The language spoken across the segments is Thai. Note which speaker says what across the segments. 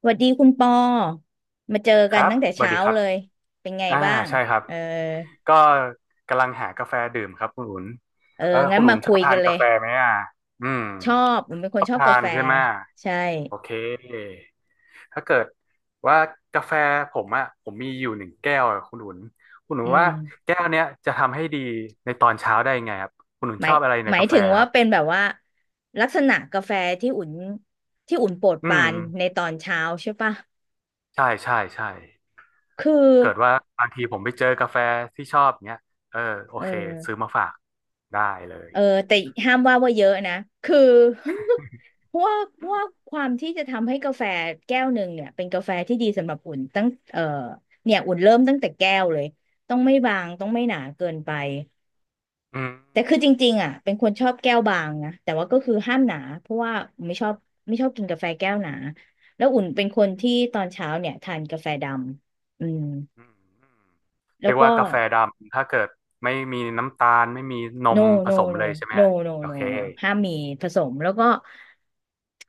Speaker 1: สวัสดีคุณปอมาเจอ
Speaker 2: ค
Speaker 1: กัน
Speaker 2: รับ
Speaker 1: ตั้งแต่
Speaker 2: สวัส
Speaker 1: เช้า
Speaker 2: ดีครับ
Speaker 1: เลย เป็นไง
Speaker 2: อ่า
Speaker 1: บ้าง
Speaker 2: ใช่ครับ
Speaker 1: เออ
Speaker 2: ก็กำลังหากาแฟดื่มครับคุณอุ่น
Speaker 1: เออ
Speaker 2: เออ
Speaker 1: งั้
Speaker 2: คุ
Speaker 1: น
Speaker 2: ณ
Speaker 1: มา
Speaker 2: อุ่นช
Speaker 1: คุ
Speaker 2: อบ
Speaker 1: ย
Speaker 2: ทา
Speaker 1: กัน
Speaker 2: น
Speaker 1: เล
Speaker 2: กา
Speaker 1: ย
Speaker 2: แฟไหมอ่ะอืม
Speaker 1: ชอบผมเป็นค
Speaker 2: ช
Speaker 1: น
Speaker 2: อบ
Speaker 1: ชอบ
Speaker 2: ทา
Speaker 1: กา
Speaker 2: น
Speaker 1: แฟ
Speaker 2: ใช่ไหม
Speaker 1: ใช่
Speaker 2: โอเคถ้าเกิดว่ากาแฟผมอ่ะผมมีอยู่หนึ่งแก้วอะคุณอุ่นคุณอุ่
Speaker 1: อื
Speaker 2: นว่า
Speaker 1: ม
Speaker 2: แก้วเนี้ยจะทำให้ดีในตอนเช้าได้ยังไงครับ คุณอุ่น
Speaker 1: ห
Speaker 2: ช
Speaker 1: มาย
Speaker 2: อบอะไรใน
Speaker 1: หมาย
Speaker 2: กาแฟ
Speaker 1: ถึง
Speaker 2: ค
Speaker 1: ว่า
Speaker 2: รั
Speaker 1: เป็น
Speaker 2: บ
Speaker 1: แบบว่าลักษณะกาแฟที่อุ่น ที่อุ่นโปรด
Speaker 2: อื
Speaker 1: ปรา
Speaker 2: ม
Speaker 1: นในตอนเช้าใช่ปะ
Speaker 2: ใช่ใช่ใช่
Speaker 1: คือ
Speaker 2: เกิดว่าบางทีผมไปเจอกาแฟที่ชอบเนี้ยเออโอ
Speaker 1: เออ
Speaker 2: เคซื้อมาฝากได้เลย
Speaker 1: เออแต่ห้ามว่าเยอะนะคือ เพราะว่าเพ
Speaker 2: อื
Speaker 1: ราะ
Speaker 2: ม
Speaker 1: ว่าความที่จะทำให้กาแฟแก้วหนึ่งเนี่ยเป็นกาแฟที่ดีสำหรับอุ่นตั้งเออเนี่ยอุ่นเริ่มตั้งแต่แก้วเลยต้องไม่บางต้องไม่หนาเกินไป
Speaker 2: อืม
Speaker 1: แต่คือจริงๆอ่ะเป็นคนชอบแก้วบางนะแต่ว่าก็คือห้ามหนาเพราะว่าไม่ชอบไม่ชอบกินกาแฟแก้วหนาแล้วอุ่นเป็นคนที่ตอนเช้าเนี่ยทานกาแฟดำอืม
Speaker 2: อืมเรี
Speaker 1: แล้ว
Speaker 2: ยกว่า
Speaker 1: ก็
Speaker 2: กาแฟดำถ้าเกิดไม่มีน้ำตาลไม่มีนม
Speaker 1: no
Speaker 2: ผสม
Speaker 1: no
Speaker 2: เลยใช่
Speaker 1: no
Speaker 2: ไหมฮะ
Speaker 1: no no
Speaker 2: โอเค
Speaker 1: no no ห้ามมีผสมแล้วก็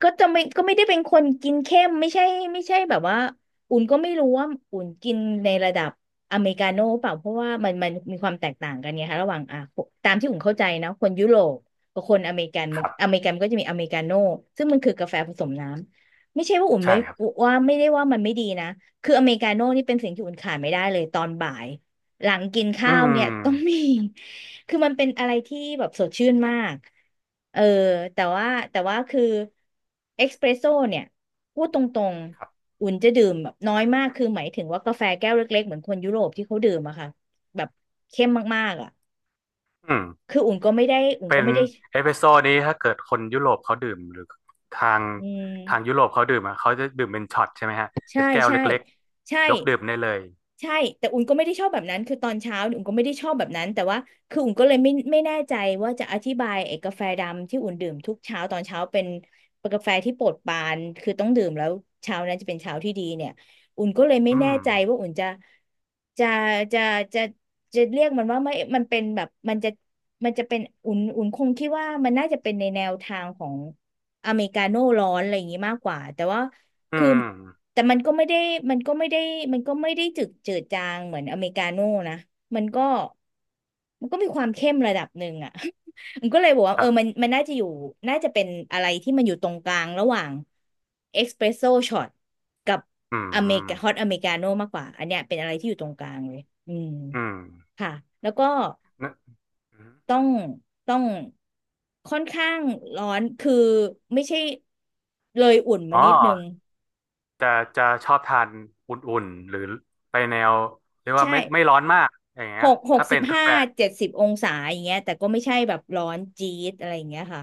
Speaker 1: ก็จะไม่ก็ไม่ได้เป็นคนกินเข้มไม่ใช่ไม่ใช่แบบว่าอุ่นก็ไม่รู้ว่าอุ่นกินในระดับอเมริกาโน่เปล่าเพราะว่ามันมีความแตกต่างกันไงคะระหว่างอ่ะตามที่อุ่นเข้าใจนะคนยุโรปกับคนอเมริกันมั
Speaker 2: ค
Speaker 1: น
Speaker 2: รั
Speaker 1: อ
Speaker 2: บ
Speaker 1: เมริกันก็จะมีอเมริกาโน่ซึ่งมันคือกาแฟผสมน้ำไม่ใช่ว่าอุ่น
Speaker 2: ใช่
Speaker 1: ไม่
Speaker 2: ครับ
Speaker 1: ว่าไม่ได้ว่ามันไม่ดีนะคืออเมริกาโน่นี่เป็นสิ่งที่อุ่นขาดไม่ได้เลยตอนบ่าย หลังกิน
Speaker 2: อื
Speaker 1: ข้าวเนี่ย ต้องมี
Speaker 2: ม
Speaker 1: คือมันเป็นอะไรที่แบบสดชื่นมาก เออแต่ว่าคือเอกซ์เพรสโซ่เนี่ยพูดตรง
Speaker 2: ครับ
Speaker 1: ๆอุ่นจะดื่มแบบน้อยมากคือหมายถึงว่ากาแฟแก้วเล็กๆเหมือนคนยุโรปที่เขาดื่มอะค่ะแบบเข้มมากๆอะ
Speaker 2: อืม
Speaker 1: คืออุ่นก็ไม่ได้อุ่น
Speaker 2: เป็
Speaker 1: ก็
Speaker 2: น
Speaker 1: ไม่ได้
Speaker 2: เอสเปรสโซ่นี้ถ้าเกิดคนยุโรปเขาดื่มหรือทาง
Speaker 1: อื
Speaker 2: ทางยุ
Speaker 1: ม
Speaker 2: โรปเขาดื่มอะเขาจะดื่มเป็นช็อตใช่ไหมฮะเป็
Speaker 1: ใช่
Speaker 2: นแก้ว
Speaker 1: ใช่
Speaker 2: เล็ก
Speaker 1: ใช่
Speaker 2: ๆยกดื่มได้เลย
Speaker 1: ใช่แต่อุ่นก็ไม่ได้ชอบแบบนั้นคือตอนเช้าเนี่ยอุ่นก็ไม่ได้ชอบแบบนั้นแต่ว่าคืออุ่นก็เลยไม่แน่ใจว่าจะอธิบายไอ้กาแฟดำที่อุ่นดื่มทุกเช้าตอนเช้าเป็นกาแฟที่โปรดปรานคือต้องดื่มแล้วเช้านั้นจะเป็นเช้าที่ดีเนี่ยอุ่นก็เลยไม่
Speaker 2: อื
Speaker 1: แน่
Speaker 2: ม
Speaker 1: ใจว่าอุ่นจะจะจะจะเรียกมันว่าไม่มันเป็นแบบมันจะเป็นอุ่นคงคิดว่ามันน่าจะเป็นในแนวทางของอเมริกาโน่ร้อนอะไรอย่างนี้มากกว่าแต่ว่า
Speaker 2: อื
Speaker 1: คือ
Speaker 2: ม
Speaker 1: แต่มันก็ไม่ได้มันก็ไม่ได้จืดจืดจางเหมือนอเมริกาโน่นะมันก็มันก็มีความเข้มระดับหนึ่งอ่ะ มันก็เลยบอกว่า
Speaker 2: ค
Speaker 1: เอ
Speaker 2: รั
Speaker 1: อ
Speaker 2: บ
Speaker 1: มันน่าจะอยู่น่าจะเป็นอะไรที่มันอยู่ตรงกลางระหว่างเอสเปรสโซช็อตกับ
Speaker 2: อื
Speaker 1: อเมริกาฮอต
Speaker 2: ม
Speaker 1: อเมริกาโน่มากกว่าอันเนี้ยเป็นอะไรที่อยู่ตรงกลางเลยอืม
Speaker 2: อืม
Speaker 1: ค่ะแล้วก็
Speaker 2: นะ
Speaker 1: ต้องต้องค่อนข้างร้อนคือไม่ใช่เลยอุ่นมา
Speaker 2: อ๋อ
Speaker 1: นิดนึง
Speaker 2: จะจะชอบทานอุ่นๆหรือไปแนวเรียกว่า
Speaker 1: ใช่
Speaker 2: ไม่ไม่ร้อนมากอย่างเงี้ย
Speaker 1: หก
Speaker 2: ถ้าเป็
Speaker 1: สิบ
Speaker 2: นกา
Speaker 1: ห้า
Speaker 2: แฟ
Speaker 1: 70 องศาอย่างเงี้ยแต่ก็ไม่ใช่แบบร้อนจี๊ดอะไรอย่างเงี้ยค่ะ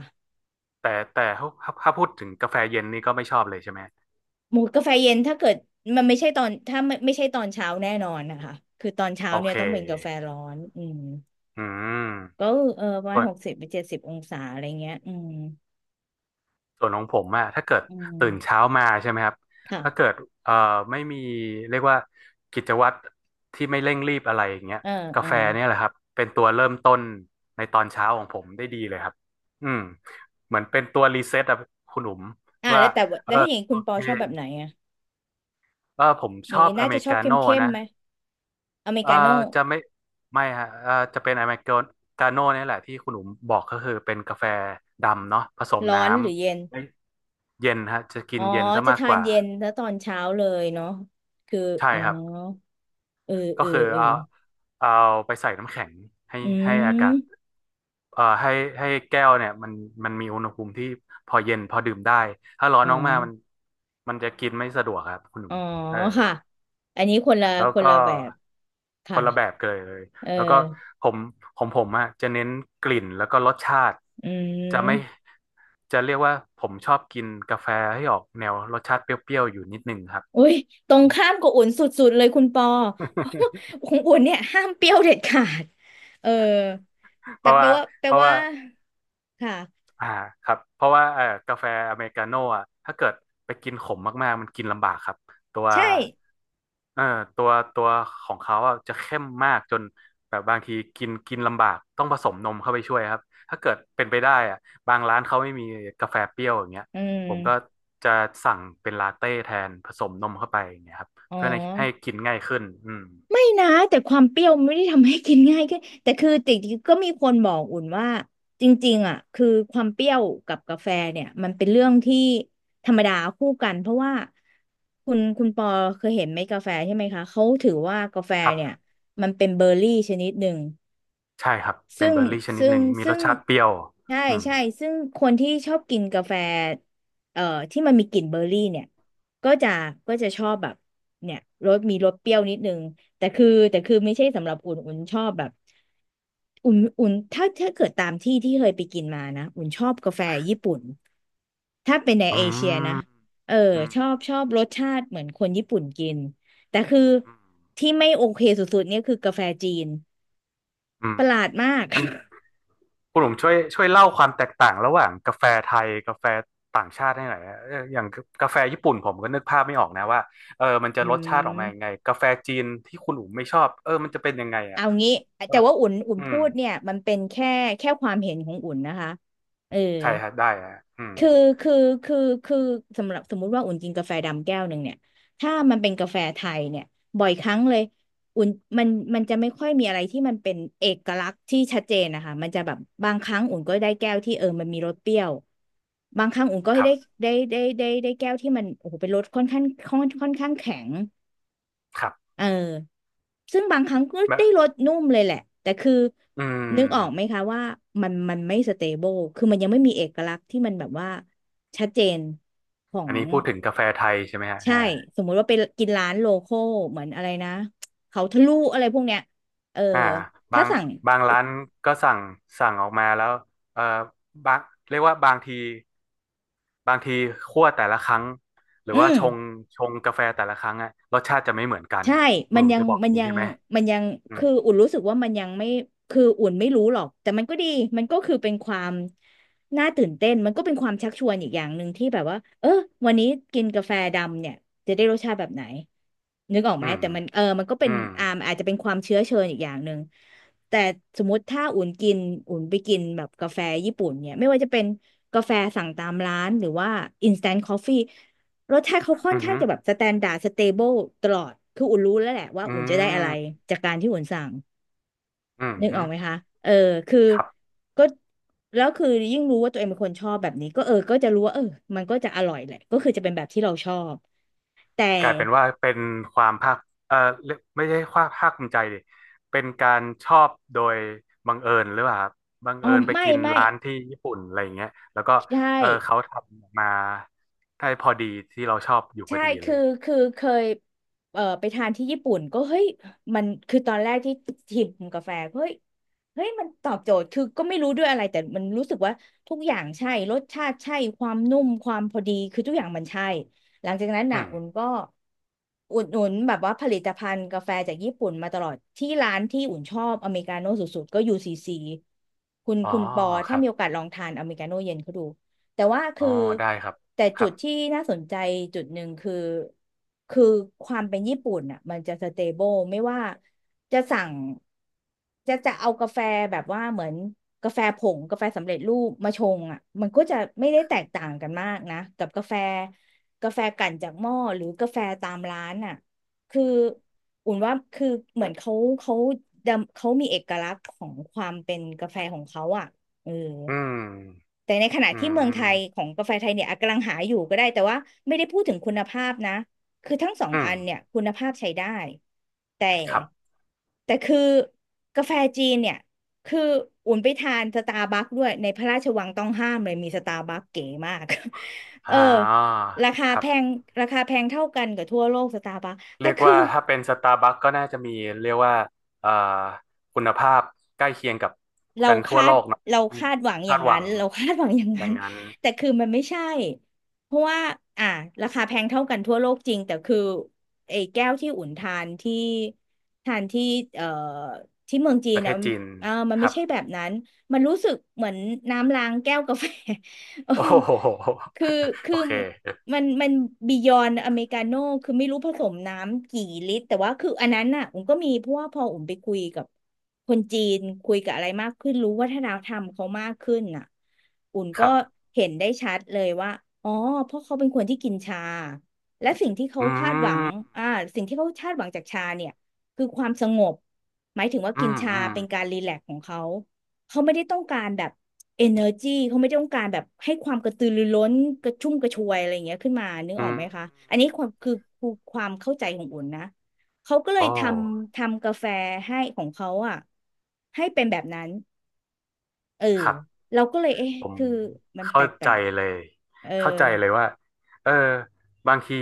Speaker 2: แต่แต่ถ้าพูดถึงกาแฟเย็นนี่ก็ไม่ชอบเลยใช่ไหม
Speaker 1: หมูกาแฟเย็นถ้าเกิดมันไม่ใช่ตอนถ้าไม่ใช่ตอนเช้าแน่นอนนะคะคือตอนเช้า
Speaker 2: โอ
Speaker 1: เนี่
Speaker 2: เค
Speaker 1: ยต้องเป็นกาแฟร้อนอืม
Speaker 2: อืม
Speaker 1: ก็เออประมา
Speaker 2: ส่
Speaker 1: ณ
Speaker 2: วน
Speaker 1: หกสิบไปเจ็ดสิบองศาอะไรเงี้ยอืม
Speaker 2: ส่วนของผมอะถ้าเกิด
Speaker 1: อื
Speaker 2: ตื่นเช้า
Speaker 1: ม
Speaker 2: มาใช่ไหมครับ
Speaker 1: ค่ะ
Speaker 2: ถ้าเกิดเอ่อไม่มีเรียกว่ากิจวัตรที่ไม่เร่งรีบอะไรอย่างเงี้ย
Speaker 1: เออ
Speaker 2: กา
Speaker 1: เออ
Speaker 2: แฟเนี่ยแหละครับเป็นตัวเริ่มต้นในตอนเช้าของผมได้ดีเลยครับอืมเหมือนเป็นตัวรีเซ็ตอะคุณหนุ่ม
Speaker 1: อ่า
Speaker 2: ว่า
Speaker 1: แล้วแต่ว่า
Speaker 2: เอ
Speaker 1: แล้
Speaker 2: อ
Speaker 1: วถ้าอย่างนี้
Speaker 2: โอ
Speaker 1: คุณปอ
Speaker 2: เค
Speaker 1: ชอบแบบไหนอะ
Speaker 2: เออผม
Speaker 1: อ
Speaker 2: ช
Speaker 1: ย่าง
Speaker 2: อบ
Speaker 1: นี้
Speaker 2: อ
Speaker 1: น่า
Speaker 2: เม
Speaker 1: จะ
Speaker 2: ริ
Speaker 1: ชอบ
Speaker 2: กา
Speaker 1: เข้ม
Speaker 2: โน่
Speaker 1: เข้ม
Speaker 2: นะ
Speaker 1: ไหมอเมริ
Speaker 2: เออ
Speaker 1: กาโน่
Speaker 2: จะไม่ไม่ฮะเออจะเป็นอเมริกาโน่นี่แหละที่คุณหนุ่มบอกก็คือเป็นกาแฟดำเนาะผสม
Speaker 1: ร้อ
Speaker 2: น้
Speaker 1: นหรือเย็น
Speaker 2: ำไม่เย็นฮะจะกิ
Speaker 1: อ๋
Speaker 2: น
Speaker 1: อ
Speaker 2: เย็นซะ
Speaker 1: จะ
Speaker 2: มาก
Speaker 1: ทา
Speaker 2: ก
Speaker 1: น
Speaker 2: ว่า
Speaker 1: เย็นแล้วตอนเช้าเลยเนาะคือ
Speaker 2: ใช่
Speaker 1: อ๋อ
Speaker 2: ครับ
Speaker 1: เออ
Speaker 2: ก็
Speaker 1: เออ
Speaker 2: คือ
Speaker 1: เออ
Speaker 2: เอาเอาไปใส่น้ำแข็งให้
Speaker 1: อื
Speaker 2: ให้อากาศ
Speaker 1: ม
Speaker 2: เอ่อให้ให้แก้วเนี่ยมันมีอุณหภูมิที่พอเย็นพอดื่มได้ถ้าร้อน
Speaker 1: อ๋อ
Speaker 2: มากๆมันจะกินไม่สะดวกครับคุณหนุ่
Speaker 1: อ๋
Speaker 2: ม
Speaker 1: อ
Speaker 2: เออ
Speaker 1: ค่ะ อันนี้คนละ
Speaker 2: แล้ว
Speaker 1: คนละ
Speaker 2: ก็
Speaker 1: แบบ
Speaker 2: ค
Speaker 1: ค่ะ
Speaker 2: นละแบบกันเลย
Speaker 1: เอ
Speaker 2: แล้วก็
Speaker 1: อ
Speaker 2: ผมของผมอะจะเน้นกลิ่นแล้วก็รสชาติ
Speaker 1: อื
Speaker 2: จะไม่
Speaker 1: ม
Speaker 2: จะเรียกว่าผมชอบกินกาแฟให้ออกแนวรสชาติเปรี้ยวๆอยู่นิดนึงครับ
Speaker 1: อุ้ยตรงข้ามกับอุ่นสุดๆเลยคุณปอเพราะว่า ของอุ่นเนี่ยห้ามเปรี้ยวเด็ดขาด เออ
Speaker 2: เพ
Speaker 1: แต่
Speaker 2: ราะ
Speaker 1: แปล
Speaker 2: ว่า
Speaker 1: ว่าแปล
Speaker 2: เพราะ
Speaker 1: ว่า
Speaker 2: ว่า
Speaker 1: ค่ะ
Speaker 2: อ่าครับเพราะว่ากาแฟอเมริกาโน่อะถ้าเกิดไปกินขมมากๆมันกินลำบากครับตัว
Speaker 1: ใช่
Speaker 2: เอ่อตัวตัวของเขาอะจะเข้มมากจนแบบบางทีกินกินลำบากต้องผสมนมเข้าไปช่วยครับถ้าเกิดเป็นไปได้อะบางร้านเขาไม่มีกาแฟเปรี้ยวอย่างเงี้ย
Speaker 1: อื
Speaker 2: ผมก็
Speaker 1: ม
Speaker 2: จะสั่งเป็นลาเต้แทนผสมนมเข้าไปอย่างเงี้ยครับ
Speaker 1: อ๋อ
Speaker 2: เพื่อให้กินง่ายขึ้นอืม
Speaker 1: ไม่นะแต่ความเปรี้ยวไม่ได้ทำให้กินง่ายขึ้นแต่คือจริงๆก็มีคนบอกอุ่นว่าจริงๆอ่ะคือความเปรี้ยวกับกาแฟเนี่ยมันเป็นเรื่องที่ธรรมดาคู่กันเพราะว่าคุณปอเคยเห็นไหมกาแฟใช่ไหมคะเขาถือว่ากาแฟ
Speaker 2: ครั
Speaker 1: เนี่ย
Speaker 2: บ
Speaker 1: มันเป็นเบอร์รี่ชนิดหนึ่ง
Speaker 2: ใช่ครับเป็
Speaker 1: ซึ่
Speaker 2: น
Speaker 1: ง
Speaker 2: เบอร์รี่ชนิด
Speaker 1: ซึ่
Speaker 2: ห
Speaker 1: ง
Speaker 2: นึ่งมี
Speaker 1: ซึ่
Speaker 2: รส
Speaker 1: ง
Speaker 2: ชาติเปรี้ยว
Speaker 1: ใช่
Speaker 2: อืม
Speaker 1: ใช่ซึ่งคนที่ชอบกินกาแฟเอ่อที่มันมีกลิ่นเบอร์รี่เนี่ยก็จะก็จะชอบแบบเนี่ยรสมีรสเปรี้ยวนิดนึงแต่คือไม่ใช่สำหรับอุ่นอุ่นชอบแบบอุ่นถ้าถ้าเกิดตามที่เคยไปกินมานะอุ่นชอบกาแฟญี่ปุ่นถ้าเป็นใน
Speaker 2: อื
Speaker 1: เอเชียนะ
Speaker 2: ม
Speaker 1: เออ
Speaker 2: อืม
Speaker 1: ชอบรสชาติเหมือนคนญี่ปุ่นกินแต่คือ
Speaker 2: อืม
Speaker 1: ที่ไม่โอเคสุดๆเนี่ยคือกาแฟจีน
Speaker 2: อืม
Speaker 1: ประหลาดมาก
Speaker 2: มัน คุณหลงช่วยเล่าความแตกต่างระหว่างกาแฟไทยกาแฟต่างชาติให้หน่อยนะเอออย่างกาแฟญี่ปุ่นผมก็นึกภาพไม่ออกนะว่าเออมันจะ
Speaker 1: อื
Speaker 2: รสชาติออกมายังไง
Speaker 1: ม
Speaker 2: กาแฟจีนที่คุณหลุงไม่ชอบเออมันจะเป็นยังไงอ่ะ
Speaker 1: เอางี้
Speaker 2: เออ
Speaker 1: แต่ว่าอุ่น
Speaker 2: อื
Speaker 1: พู
Speaker 2: ม
Speaker 1: ดเนี่ยมันเป็นแค่แค่ความเห็นของอุ่นนะคะเออ
Speaker 2: ใช่ครับได้ฮะอืม
Speaker 1: คือคือคือคือสำหรับสมมุติว่าอุ่นกินกาแฟดำแก้วหนึ่งเนี่ยถ้ามันเป็นกาแฟไทยเนี่ยบ่อยครั้งเลยอุ่นมันมันจะไม่ค่อยมีอะไรที่มันเป็นเอกลักษณ์ที่ชัดเจนนะคะมันจะแบบบางครั้งอุ่นก็ได้แก้วที่เออมันมีรสเปรี้ยวบางครั้งอุ่นก็
Speaker 2: ครับ
Speaker 1: ได้แก้วที่มันโอ้โหเป็นรสค่อนข้างค่อนข้างแข็ง
Speaker 2: ครับ
Speaker 1: เออซึ่งบางครั้งก็ได้
Speaker 2: แบบ
Speaker 1: รสนุ่มเลยแหละแต่คือ
Speaker 2: อืม
Speaker 1: นึกออกไหมคะว่ามันไม่สเตเบิลคือมันยังไม่มีเอกลักษณ์ที่มันแบบว่าชัดเจนขอ
Speaker 2: อั
Speaker 1: ง
Speaker 2: นนี้พูดถึงกาแฟไทยใช่ไหมฮะ
Speaker 1: ใช่
Speaker 2: อ่า
Speaker 1: สมมุติว่าไปกินร้านโลคอลเหมือนอะไรนะเขาทะลุอะไรพวกเนี้ยเออ
Speaker 2: อ่าบา
Speaker 1: ถ้า
Speaker 2: ง
Speaker 1: สั่ง
Speaker 2: บางร้านก็สั่งออกมาแล้วเออบางเรียกว่าบางทีคั่วแต่ละครั้งหรือ
Speaker 1: อื
Speaker 2: ว่า
Speaker 1: ม
Speaker 2: ชงกาแฟแต่ละครั้งอะรสชาติจะไม่เหมือนกัน
Speaker 1: ใช่
Speaker 2: คุณ
Speaker 1: มั
Speaker 2: ห
Speaker 1: น
Speaker 2: นุ่ม
Speaker 1: ยั
Speaker 2: จะ
Speaker 1: ง
Speaker 2: บอกอ
Speaker 1: มั
Speaker 2: ย่า
Speaker 1: น
Speaker 2: งนี้
Speaker 1: ยั
Speaker 2: ใช่
Speaker 1: ง
Speaker 2: ไหม
Speaker 1: มันยัง
Speaker 2: อืม
Speaker 1: คืออุ่นรู้สึกว่ามันยังไม่คืออุ่นไม่รู้หรอก แต่มันก็ดี มันก็คือเป็นความน่าตื่นเต้นมันก็เป็นความชักชวนอีกอย่างหนึ่งที่แบบว่าเออวันนี้กินกาแฟดำเนี่ยจะได้รสชาติแบบไหนนึกออก
Speaker 2: อื
Speaker 1: ไหม
Speaker 2: ม
Speaker 1: แต่มันเออมันก็เป็
Speaker 2: อื
Speaker 1: น
Speaker 2: ม
Speaker 1: อาจจะเป็นความเชื้อเชิญอีกอย่างหนึ่งแต่สมมติถ้าอุ่นกินอุ่นไปกินแบบกาแฟญี่ปุ่นเนี่ยไม่ว่าจะเป็นกาแฟสั่งตามร้านหรือว่า instant coffee รสชาติเขาค่อ
Speaker 2: อื
Speaker 1: น
Speaker 2: ม
Speaker 1: ข้างจะแบ
Speaker 2: อ
Speaker 1: บสแตนดาร์ดสเตเบิลตลอด คืออุ่นรู้แล้วแหละว่า
Speaker 2: ื
Speaker 1: อุ่นจะได้อะไร
Speaker 2: ม
Speaker 1: จากการที่อุ่นสั่ง
Speaker 2: อืม
Speaker 1: นึก
Speaker 2: อื
Speaker 1: ออ
Speaker 2: ม
Speaker 1: กไหมคะ เออคือ
Speaker 2: ครับ
Speaker 1: ก็แล้วคือยิ่งรู้ว่าตัวเองเป็นคนชอบแบบนี้ก็เออก็จะรู้ว่าเออมันก็จะอร่อยแหละก็คือจะเป็นแบบที่เราชอบแต่
Speaker 2: กลายเป็นว่าเป็นความภาคเออเรียกไม่ใช่ความภาคภูมิใจดิเป็นการชอบโดยบังเอิญหรือเปล่าครับบัง
Speaker 1: อ๋อ
Speaker 2: เอิญไป
Speaker 1: ไม่
Speaker 2: กิน
Speaker 1: ไม่
Speaker 2: ร้านที่ญี่ปุ่นอะไรอย่างเงี้ยแล้วก็
Speaker 1: ใช่
Speaker 2: เออเขาทำออกมาได้พอดีที่เราชอบอยู่พ
Speaker 1: ใช่
Speaker 2: อดีเล
Speaker 1: คือ
Speaker 2: ย
Speaker 1: เคยไปทานที่ญี่ปุ่นก็เฮ้ยมันคือตอนแรกที่ชิมกาแฟเฮ้ยมันตอบโจทย์คือก็ไม่รู้ด้วยอะไร แต่มันรู้สึกว่าทุกอย่างใช่ รสชาติใช่ ความนุ่ม ความพอดีคือทุกอย่างมันใช่ หลังจากนั้น
Speaker 2: อื
Speaker 1: น่ะ
Speaker 2: ม
Speaker 1: อุ่นก็อุดหนุนแบบว่าผลิตภัณฑ์กาแฟจากญี่ปุ่นมาตลอด ที่ร้านที่อุ่นชอบอเมริกาโน่สุดๆก็ UCC คุณ
Speaker 2: อ๋อ
Speaker 1: คุณปอ
Speaker 2: ค
Speaker 1: ถ้า
Speaker 2: รับ
Speaker 1: มีโอกาสลองทานอเมริกาโน่เย็นเขาดู แต่ว่า
Speaker 2: อ๋
Speaker 1: คื
Speaker 2: อ
Speaker 1: อ
Speaker 2: ได้ครับ
Speaker 1: แต่
Speaker 2: ค
Speaker 1: จุ
Speaker 2: รับ
Speaker 1: ดที่น่าสนใจจุดหนึ่งคือคือความเป็นญี่ปุ่นอ่ะมันจะสเตเบิลไม่ว่าจะสั่งจะเอากาแฟแบบว่าเหมือนกาแฟผงกาแฟสำเร็จรูปมาชงอ่ะมันก็จะไม่ได้แตกต่างกันมากนะกับกาแฟกลั่นจากหม้อหรือกาแฟตามร้านอ่ะคืออุ่นว่าคือเหมือนเขาดำเขามีเอกลักษณ์ของความเป็นกาแฟของเขาอ่ะเออ
Speaker 2: อืม
Speaker 1: แต่ในขณะ
Speaker 2: อื
Speaker 1: ที่เมืองไทยข
Speaker 2: ม
Speaker 1: องกาแฟไทยเนี่ยอ่ะกำลังหาอยู่ก็ได้แต่ว่าไม่ได้พูดถึงคุณภาพนะคือทั้งสอง
Speaker 2: อืม
Speaker 1: อันเนี่ยคุณภาพใช้ได้แต่
Speaker 2: ครับ
Speaker 1: แต่คือกาแฟจีนเนี่ยคืออุ่นไปทานสตาร์บัคด้วยในพระราชวังต้องห้ามเลยมีสตาร์บัคเก๋มาก เออ
Speaker 2: อ่า
Speaker 1: ราคา
Speaker 2: ครั
Speaker 1: แพง
Speaker 2: บ
Speaker 1: ราคาแพงเท่ากันกับทั่วโลกสตาร์บัคแต่
Speaker 2: เรียก
Speaker 1: คือ
Speaker 2: ว่าถ้าเป็นสตาร์บัคก็น่าจะมีเรียกว่าเอ่อคุณภาพใกล้เคียงกับ
Speaker 1: เราคาดเรา
Speaker 2: อืม
Speaker 1: คาดหวังอ
Speaker 2: คา
Speaker 1: ย่า
Speaker 2: ด
Speaker 1: ง
Speaker 2: หวั
Speaker 1: นั้
Speaker 2: ง
Speaker 1: นเราคาดหวังอย่าง
Speaker 2: อ
Speaker 1: นั้
Speaker 2: ย่า
Speaker 1: น
Speaker 2: งนั้น
Speaker 1: แต่คือมันไม่ใช่เพราะว่าอ่ะราคาแพงเท่ากันทั่วโลกจริงแต่คือไอ้แก้วที่อุ่นทานที่ทานที่เอ่อที่เมืองจี
Speaker 2: ป
Speaker 1: น
Speaker 2: ระเท
Speaker 1: นะ
Speaker 2: ศ
Speaker 1: มัน
Speaker 2: จีน
Speaker 1: เอ่ามัน
Speaker 2: ค
Speaker 1: ไม่
Speaker 2: รับ
Speaker 1: ใช่แบบนั้นมันรู้สึกเหมือนน้ำล้างแก้วกาแฟ เออ
Speaker 2: โอ้โห
Speaker 1: คือ คื
Speaker 2: โอ
Speaker 1: อ
Speaker 2: เค
Speaker 1: มันบียอนอเมริกาโน่คือไม่รู้ผสมน้ำกี่ลิตรแต่ว่าคืออันนั้นน่ะผมก็มีเพราะว่าพอผมไปคุยกับคนจีนคุยกับอะไรมากขึ้นรู้วัฒนธรรมเขามากขึ้นน่ะอุ่น
Speaker 2: ค
Speaker 1: ก็
Speaker 2: รับ
Speaker 1: เห็นได้ชัดเลยว่าอ๋อเพราะเขาเป็นคนที่กินชาและสิ่งที่เขา
Speaker 2: อื
Speaker 1: คาดหวัง
Speaker 2: ม
Speaker 1: อ่าสิ่งที่เขาคาดหวังจากชาเนี่ยคือความสงบหมายถึงว่า
Speaker 2: อื
Speaker 1: กิน
Speaker 2: ม
Speaker 1: ชา
Speaker 2: อืม
Speaker 1: เป็นการรีแลกซ์ของเขา เขาไม่ได้ต้องการแบบ energy เขาไม่ได้ต้องการแบบให้ความกระตือรือร้นกระชุ่มกระชวยอะไรอย่างเงี้ยขึ้นมานึกอ
Speaker 2: อื
Speaker 1: อกไหมคะอัน
Speaker 2: ม
Speaker 1: นี้ความคือคือความเข้าใจของอุ่นนะเขาก็เล
Speaker 2: โอ
Speaker 1: ยท
Speaker 2: ้
Speaker 1: ทำกาแฟให้ของเขาอะให้เป็นแบบนั้นเออ
Speaker 2: ครับ
Speaker 1: เราก็เลยเอ๊ะ
Speaker 2: ผม
Speaker 1: คือมันแป
Speaker 2: เข้าใจ
Speaker 1: ลก
Speaker 2: เลย
Speaker 1: ๆเออ
Speaker 2: เข้าใจเลยว่าเออบางที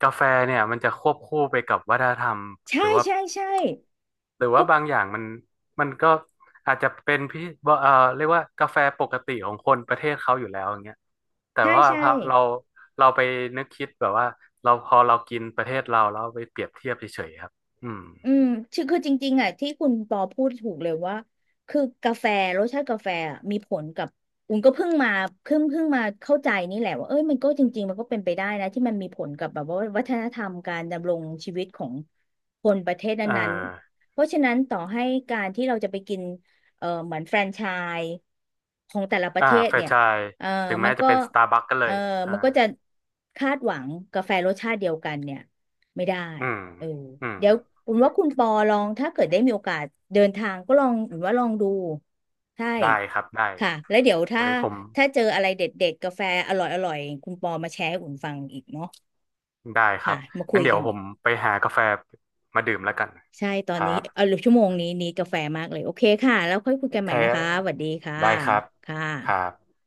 Speaker 2: กาแฟเนี่ยมันจะควบคู่ไปกับวัฒนธรรมหรื
Speaker 1: ใช่
Speaker 2: อว่า
Speaker 1: ใช่ใช่
Speaker 2: หรือว่า
Speaker 1: ก็
Speaker 2: บางอย่างมันมันก็อาจจะเป็นพิเอ่อเรียกว่ากาแฟปกติของคนประเทศเขาอยู่แล้วอย่างเงี้ยแต่
Speaker 1: ใช่
Speaker 2: ว่า
Speaker 1: ใช่
Speaker 2: พอเราไปนึกคิดแบบว่าเราพอเรากินประเทศเราแล้วไปเปรียบเทียบเฉยๆครับอืม
Speaker 1: อืมชื่อคือจริงๆอ่ะที่คุณปอพูดถูกเลยว่า คือกาแฟรสชาติกาแฟอะมีผลกับอุ่นก็เพิ่งมาเพิ่งมาเข้าใจนี่แหละว่าเอ้ยมันก็จริงๆมันก็เป็นไปได้นะที่มันมีผลกับแบบว่าวัฒนธรรมการดำรงชีวิตของคนประเทศ
Speaker 2: เออ
Speaker 1: นั้นๆเพราะฉะนั้นต่อให้การที่เราจะไปกินเหมือนแฟรนไชส์ของแต่ละประ
Speaker 2: อ่า
Speaker 1: เทศ
Speaker 2: แฟรน
Speaker 1: เนี่ย
Speaker 2: ไชส์
Speaker 1: เอ่อ
Speaker 2: ถึง
Speaker 1: มั
Speaker 2: แม้
Speaker 1: น
Speaker 2: จะ
Speaker 1: ก็
Speaker 2: เป็นสตาร์บัคก็เล
Speaker 1: เอ่อ
Speaker 2: ยอ่า
Speaker 1: มันก็จะคาดหวังกาแฟรสชาติเดียวกันเนี่ยไม่ได้
Speaker 2: อืม
Speaker 1: เออ
Speaker 2: อืม
Speaker 1: เดี๋ยวอุ่นว่าคุณปอลองถ้าเกิดได้มีโอกาสเดินทางก็ลองอุ่นว่าลองดูใช่
Speaker 2: ได้ครับได้
Speaker 1: ค่ะแล้วเดี๋ยวถ้า
Speaker 2: ไว้ผม
Speaker 1: เจออะไรเด็ดๆกาแฟอร่อยๆคุณปอมาแชร์ให้อุ่นฟังอีกเนาะ
Speaker 2: ได้ครับ
Speaker 1: ค่ะมาคุ
Speaker 2: งั้น
Speaker 1: ย
Speaker 2: เดี๋ย
Speaker 1: กั
Speaker 2: ว
Speaker 1: น
Speaker 2: ผ
Speaker 1: อี
Speaker 2: ม
Speaker 1: ก
Speaker 2: ไปหากาแฟมาดื่มแล้วกัน
Speaker 1: ใช่ตอ
Speaker 2: ค
Speaker 1: น
Speaker 2: รั
Speaker 1: นี้
Speaker 2: บ
Speaker 1: เออชั่วโมงนี้กาแฟมากเลยโอเคค่ะแล้วค่อยคุย
Speaker 2: โอ
Speaker 1: กัน
Speaker 2: เค
Speaker 1: ใหม่นะคะสวัสดีค่ะ
Speaker 2: ได้ครับ
Speaker 1: ค่ะ
Speaker 2: ครับ